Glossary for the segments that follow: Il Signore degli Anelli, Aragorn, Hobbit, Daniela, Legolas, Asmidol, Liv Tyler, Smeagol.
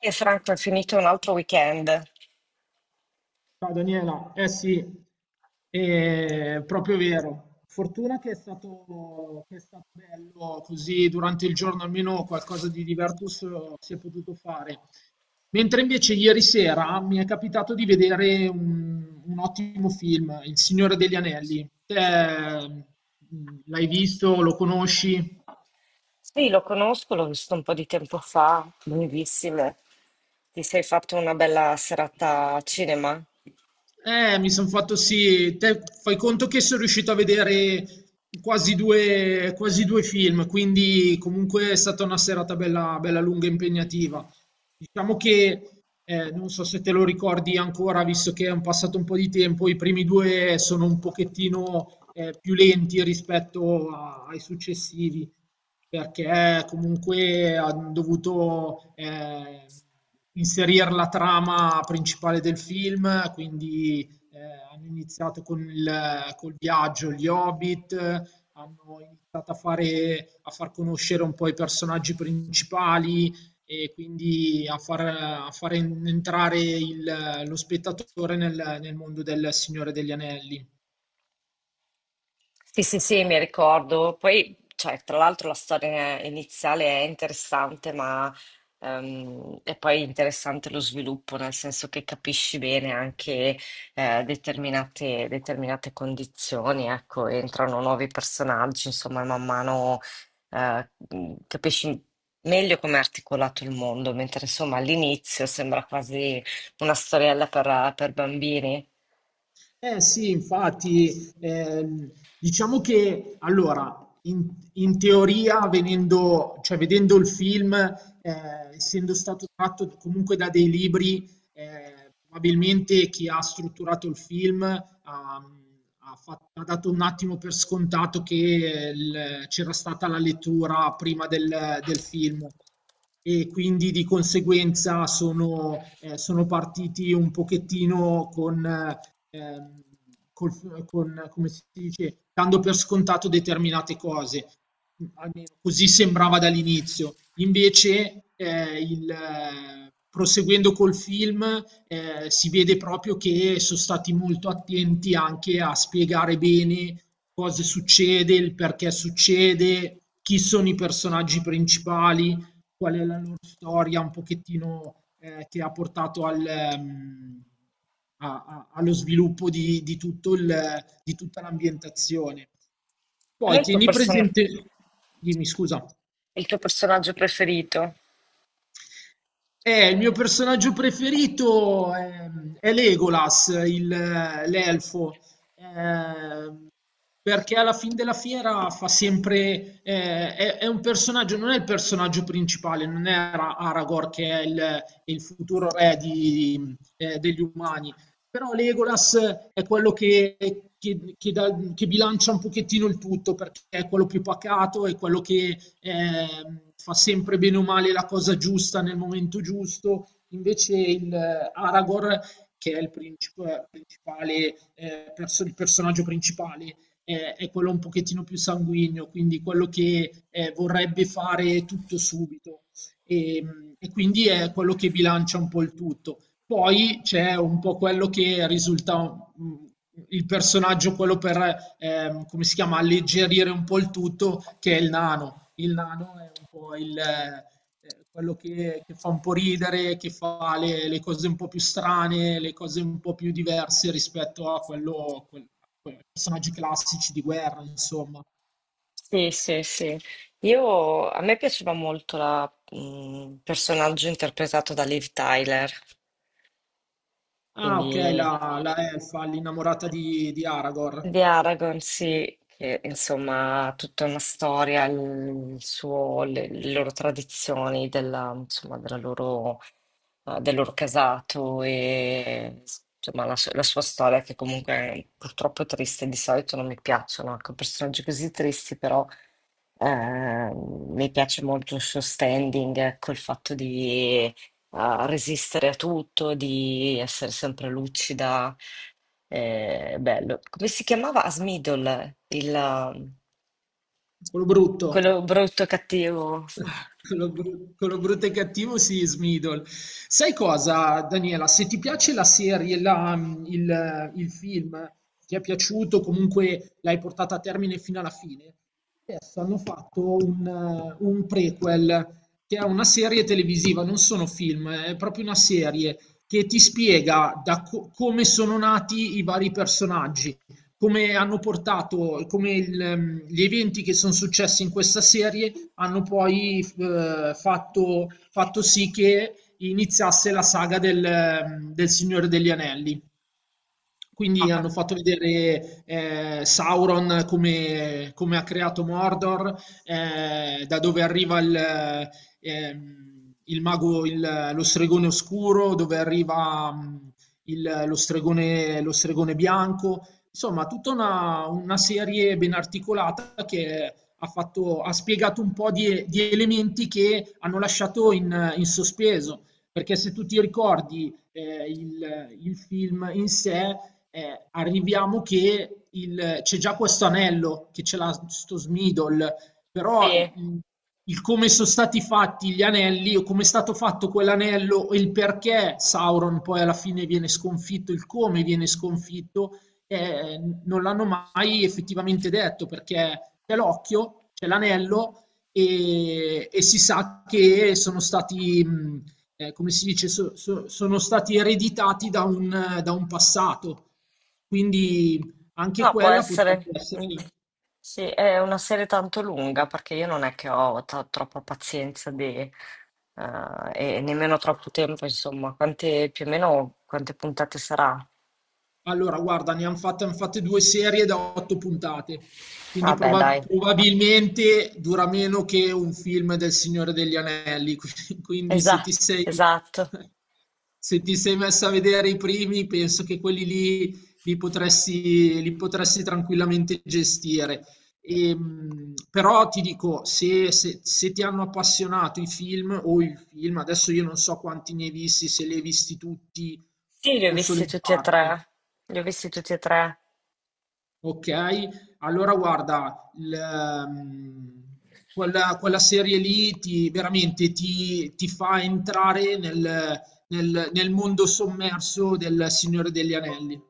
E Franco è finito un altro weekend. Ciao Daniela, eh sì, è proprio vero. Fortuna che è stato bello, così durante il giorno almeno qualcosa di diverso si è potuto fare. Mentre invece ieri sera mi è capitato di vedere un ottimo film, Il Signore degli Anelli. Te, l'hai visto, lo conosci? Sì, lo conosco, l'ho visto un po' di tempo fa, lunghissimo. Ti sei fatto una bella serata a cinema? Mi sono fatto sì, te fai conto che sono riuscito a vedere quasi due film, quindi comunque è stata una serata bella, bella lunga e impegnativa. Diciamo che, non so se te lo ricordi ancora, visto che è un passato un po' di tempo, i primi due sono un pochettino, più lenti rispetto ai successivi perché comunque hanno dovuto inserire la trama principale del film, quindi eh, hanno iniziato con il col viaggio, gli Hobbit, hanno iniziato a far conoscere un po' i personaggi principali e quindi a far entrare lo spettatore nel mondo del Signore degli Anelli. Sì, sì, sì, mi ricordo. Poi, cioè, tra l'altro la storia iniziale è interessante, ma è poi interessante lo sviluppo, nel senso che capisci bene anche determinate condizioni, ecco, entrano nuovi personaggi, insomma, e man mano capisci meglio come è articolato il mondo, mentre insomma all'inizio sembra quasi una storiella per bambini. Eh sì, infatti, diciamo che allora, in, in teoria, vedendo il film, essendo stato tratto comunque da dei libri, probabilmente chi ha strutturato il film ha ha dato un attimo per scontato che c'era stata la lettura prima del film e quindi di conseguenza sono partiti un pochettino con, ehm, con, come si dice, dando per scontato determinate cose. Almeno così sembrava dall'inizio. Invece, proseguendo col film, si vede proprio che sono stati molto attenti anche a spiegare bene cosa succede, il perché succede, chi sono i personaggi principali, qual è la loro storia un pochettino che ha portato al, allo sviluppo di tutto di tutta l'ambientazione. Qual è Poi il tuo tieni persona- presente, dimmi scusa. il tuo personaggio preferito? Il mio personaggio preferito è Legolas, l'elfo. Eh, perché alla fin della fiera fa sempre è un personaggio, non è il personaggio principale, non è Aragorn che è il futuro re degli umani, però Legolas è quello che, che bilancia un pochettino il tutto perché è quello più pacato, è quello che fa sempre bene o male la cosa giusta nel momento giusto, invece il Aragorn che è il principale, il personaggio principale, è quello un pochettino più sanguigno, quindi quello che vorrebbe fare tutto subito e, e quindi è quello che bilancia un po' il tutto. Poi c'è un po' quello che risulta il personaggio, quello per, come si chiama, alleggerire un po' il tutto, che è il nano. Il nano è un po' il quello che fa un po' ridere, che fa le cose un po' più strane, le cose un po' più diverse rispetto a quei personaggi classici di guerra, insomma. Sì, sì, sì. A me piaceva molto il personaggio interpretato da Liv Tyler, Ah, ok, quindi la elfa, l'innamorata di Aragorn, di Aragorn, sì, che insomma ha tutta una storia, le loro tradizioni, della, insomma, della loro, del loro casato e insomma, la sua storia che comunque è purtroppo triste, di solito non mi piacciono, ecco, personaggi così tristi, però. Mi piace molto il suo standing, ecco, il fatto di resistere a tutto, di essere sempre lucida. Bello. Come si chiamava? Asmidol, quello brutto. quello brutto e cattivo. Con lo brutto e cattivo si Smeagol. Sai cosa, Daniela? Se ti piace la serie, il film, ti è piaciuto, comunque l'hai portata a termine fino alla fine, adesso hanno fatto un prequel, che è una serie televisiva, non sono film, è proprio una serie che ti spiega come sono nati i vari personaggi, come hanno portato, come gli eventi che sono successi in questa serie hanno poi fatto sì che iniziasse la saga del Signore degli Anelli. Quindi Ah, hanno fatto vedere Sauron come ha creato Mordor, da dove arriva il mago, lo stregone oscuro, dove arriva lo stregone bianco. Insomma, tutta una serie ben articolata che ha ha spiegato un po' di elementi che hanno lasciato in sospeso. Perché se tu ti ricordi il film in sé, arriviamo che c'è già questo anello, che ce l'ha sto Smidol, sì, però il come sono stati fatti gli anelli o come è stato fatto quell'anello e il perché Sauron poi alla fine viene sconfitto, il come viene sconfitto, non l'hanno mai effettivamente detto perché c'è l'occhio, c'è l'anello e si sa che sono stati come si dice, sono stati ereditati da un passato. Quindi anche no, può quella potrebbe essere. essere. Sì, è una serie tanto lunga perché io non è che ho troppa pazienza e nemmeno troppo tempo, insomma. Più o meno quante puntate sarà? Allora, guarda, ne han fatte 2 serie da 8 puntate, quindi Vabbè, dai, probabilmente dura meno che un film del Signore degli Anelli, qui quindi Esa- esatto. se ti sei messa a vedere i primi, penso che quelli lì li potresti tranquillamente gestire. Però ti dico, se ti hanno appassionato i film o il film, adesso io non so quanti ne hai visti, se li hai visti tutti Sì, li ho o solo visti in tutti e parte. tre. Li ho visti tutti e tre. Ok, allora guarda, quella serie lì veramente ti, ti fa entrare nel mondo sommerso del Signore degli Anelli.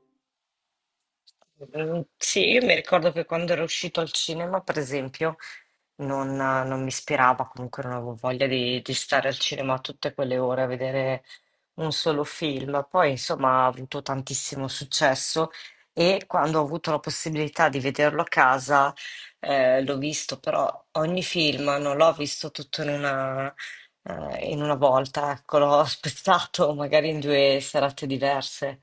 Mm, sì, io mi ricordo che quando ero uscito al cinema, per esempio, non mi ispirava, comunque non avevo voglia di stare al cinema tutte quelle ore a vedere un solo film. Poi, insomma, ha avuto tantissimo successo e quando ho avuto la possibilità di vederlo a casa, l'ho visto, però ogni film non l'ho visto tutto in una volta, ecco, l'ho spezzato magari in due serate diverse.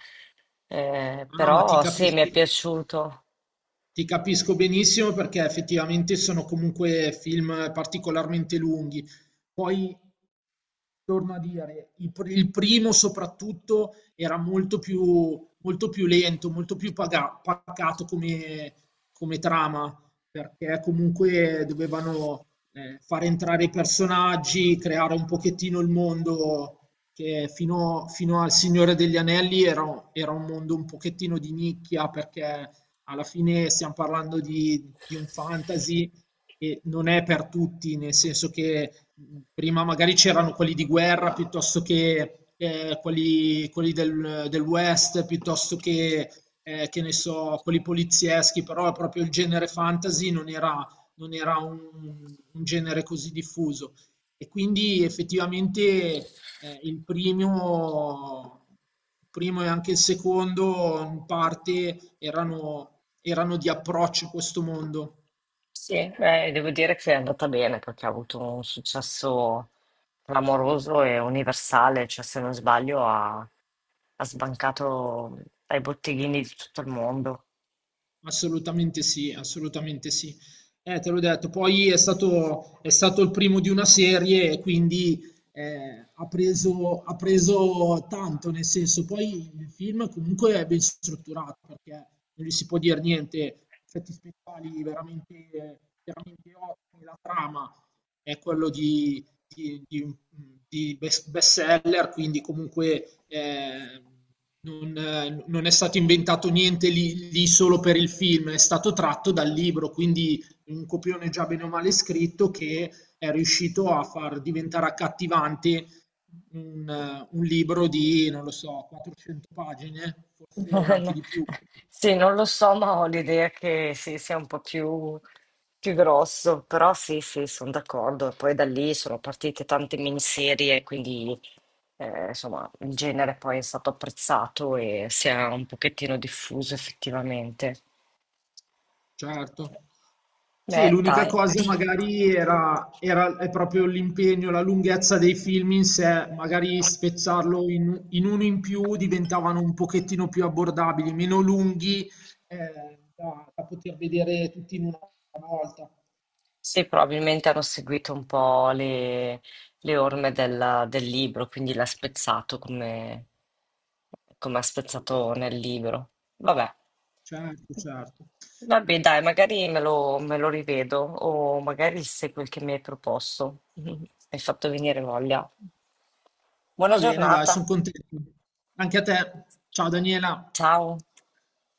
No, no, ma ti Però sì, mi è capisco. piaciuto. Ti capisco benissimo perché effettivamente sono comunque film particolarmente lunghi. Poi, torno a dire, il primo soprattutto era molto più lento, molto più pacato come, come trama, perché comunque dovevano far entrare i personaggi, creare un pochettino il mondo che fino al Signore degli Anelli era un mondo un pochettino di nicchia perché alla fine stiamo parlando di un fantasy e non è per tutti, nel senso che prima magari c'erano quelli di guerra piuttosto che quelli del West, piuttosto che ne so, quelli polizieschi, però proprio il genere fantasy non era, non era un genere così diffuso e quindi effettivamente il primo e anche il secondo in parte erano di approccio a questo mondo. Sì, beh, devo dire che è andata bene perché ha avuto un successo clamoroso e universale, cioè se non sbaglio ha sbancato ai botteghini di tutto il mondo. Assolutamente sì, assolutamente sì. Te l'ho detto, poi è stato il primo di una serie e quindi ha preso tanto, nel senso, poi il film comunque è ben strutturato perché non gli si può dire niente, effetti speciali veramente, veramente ottimi, la trama è quello di, di, di bestseller, quindi comunque non, non, è stato inventato niente lì, solo per il film, è stato tratto dal libro, quindi un copione già bene o male scritto che è riuscito a far diventare accattivante un libro di, non lo so, 400 pagine, forse anche di più, Sì, non lo so, ma ho l'idea che sì, sia più grosso, però sì, sì, sono d'accordo. E poi da lì sono partite tante miniserie, quindi insomma il genere poi è stato apprezzato e si è un pochettino diffuso effettivamente. certo. Sì, Beh, l'unica dai, cosa magari è proprio l'impegno, la lunghezza dei film in sé, magari spezzarlo in uno in più diventavano un pochettino più abbordabili, meno lunghi da poter vedere tutti in una volta. sì, probabilmente hanno seguito un po' le orme del libro, quindi l'ha spezzato come, come ha spezzato nel libro. Vabbè, Certo, certo. Dai, magari me lo rivedo o magari se quel che mi hai proposto. Mi hai fatto venire voglia. Buona Va bene, dai, sono giornata, contento. Anche a te. Ciao Daniela. ciao.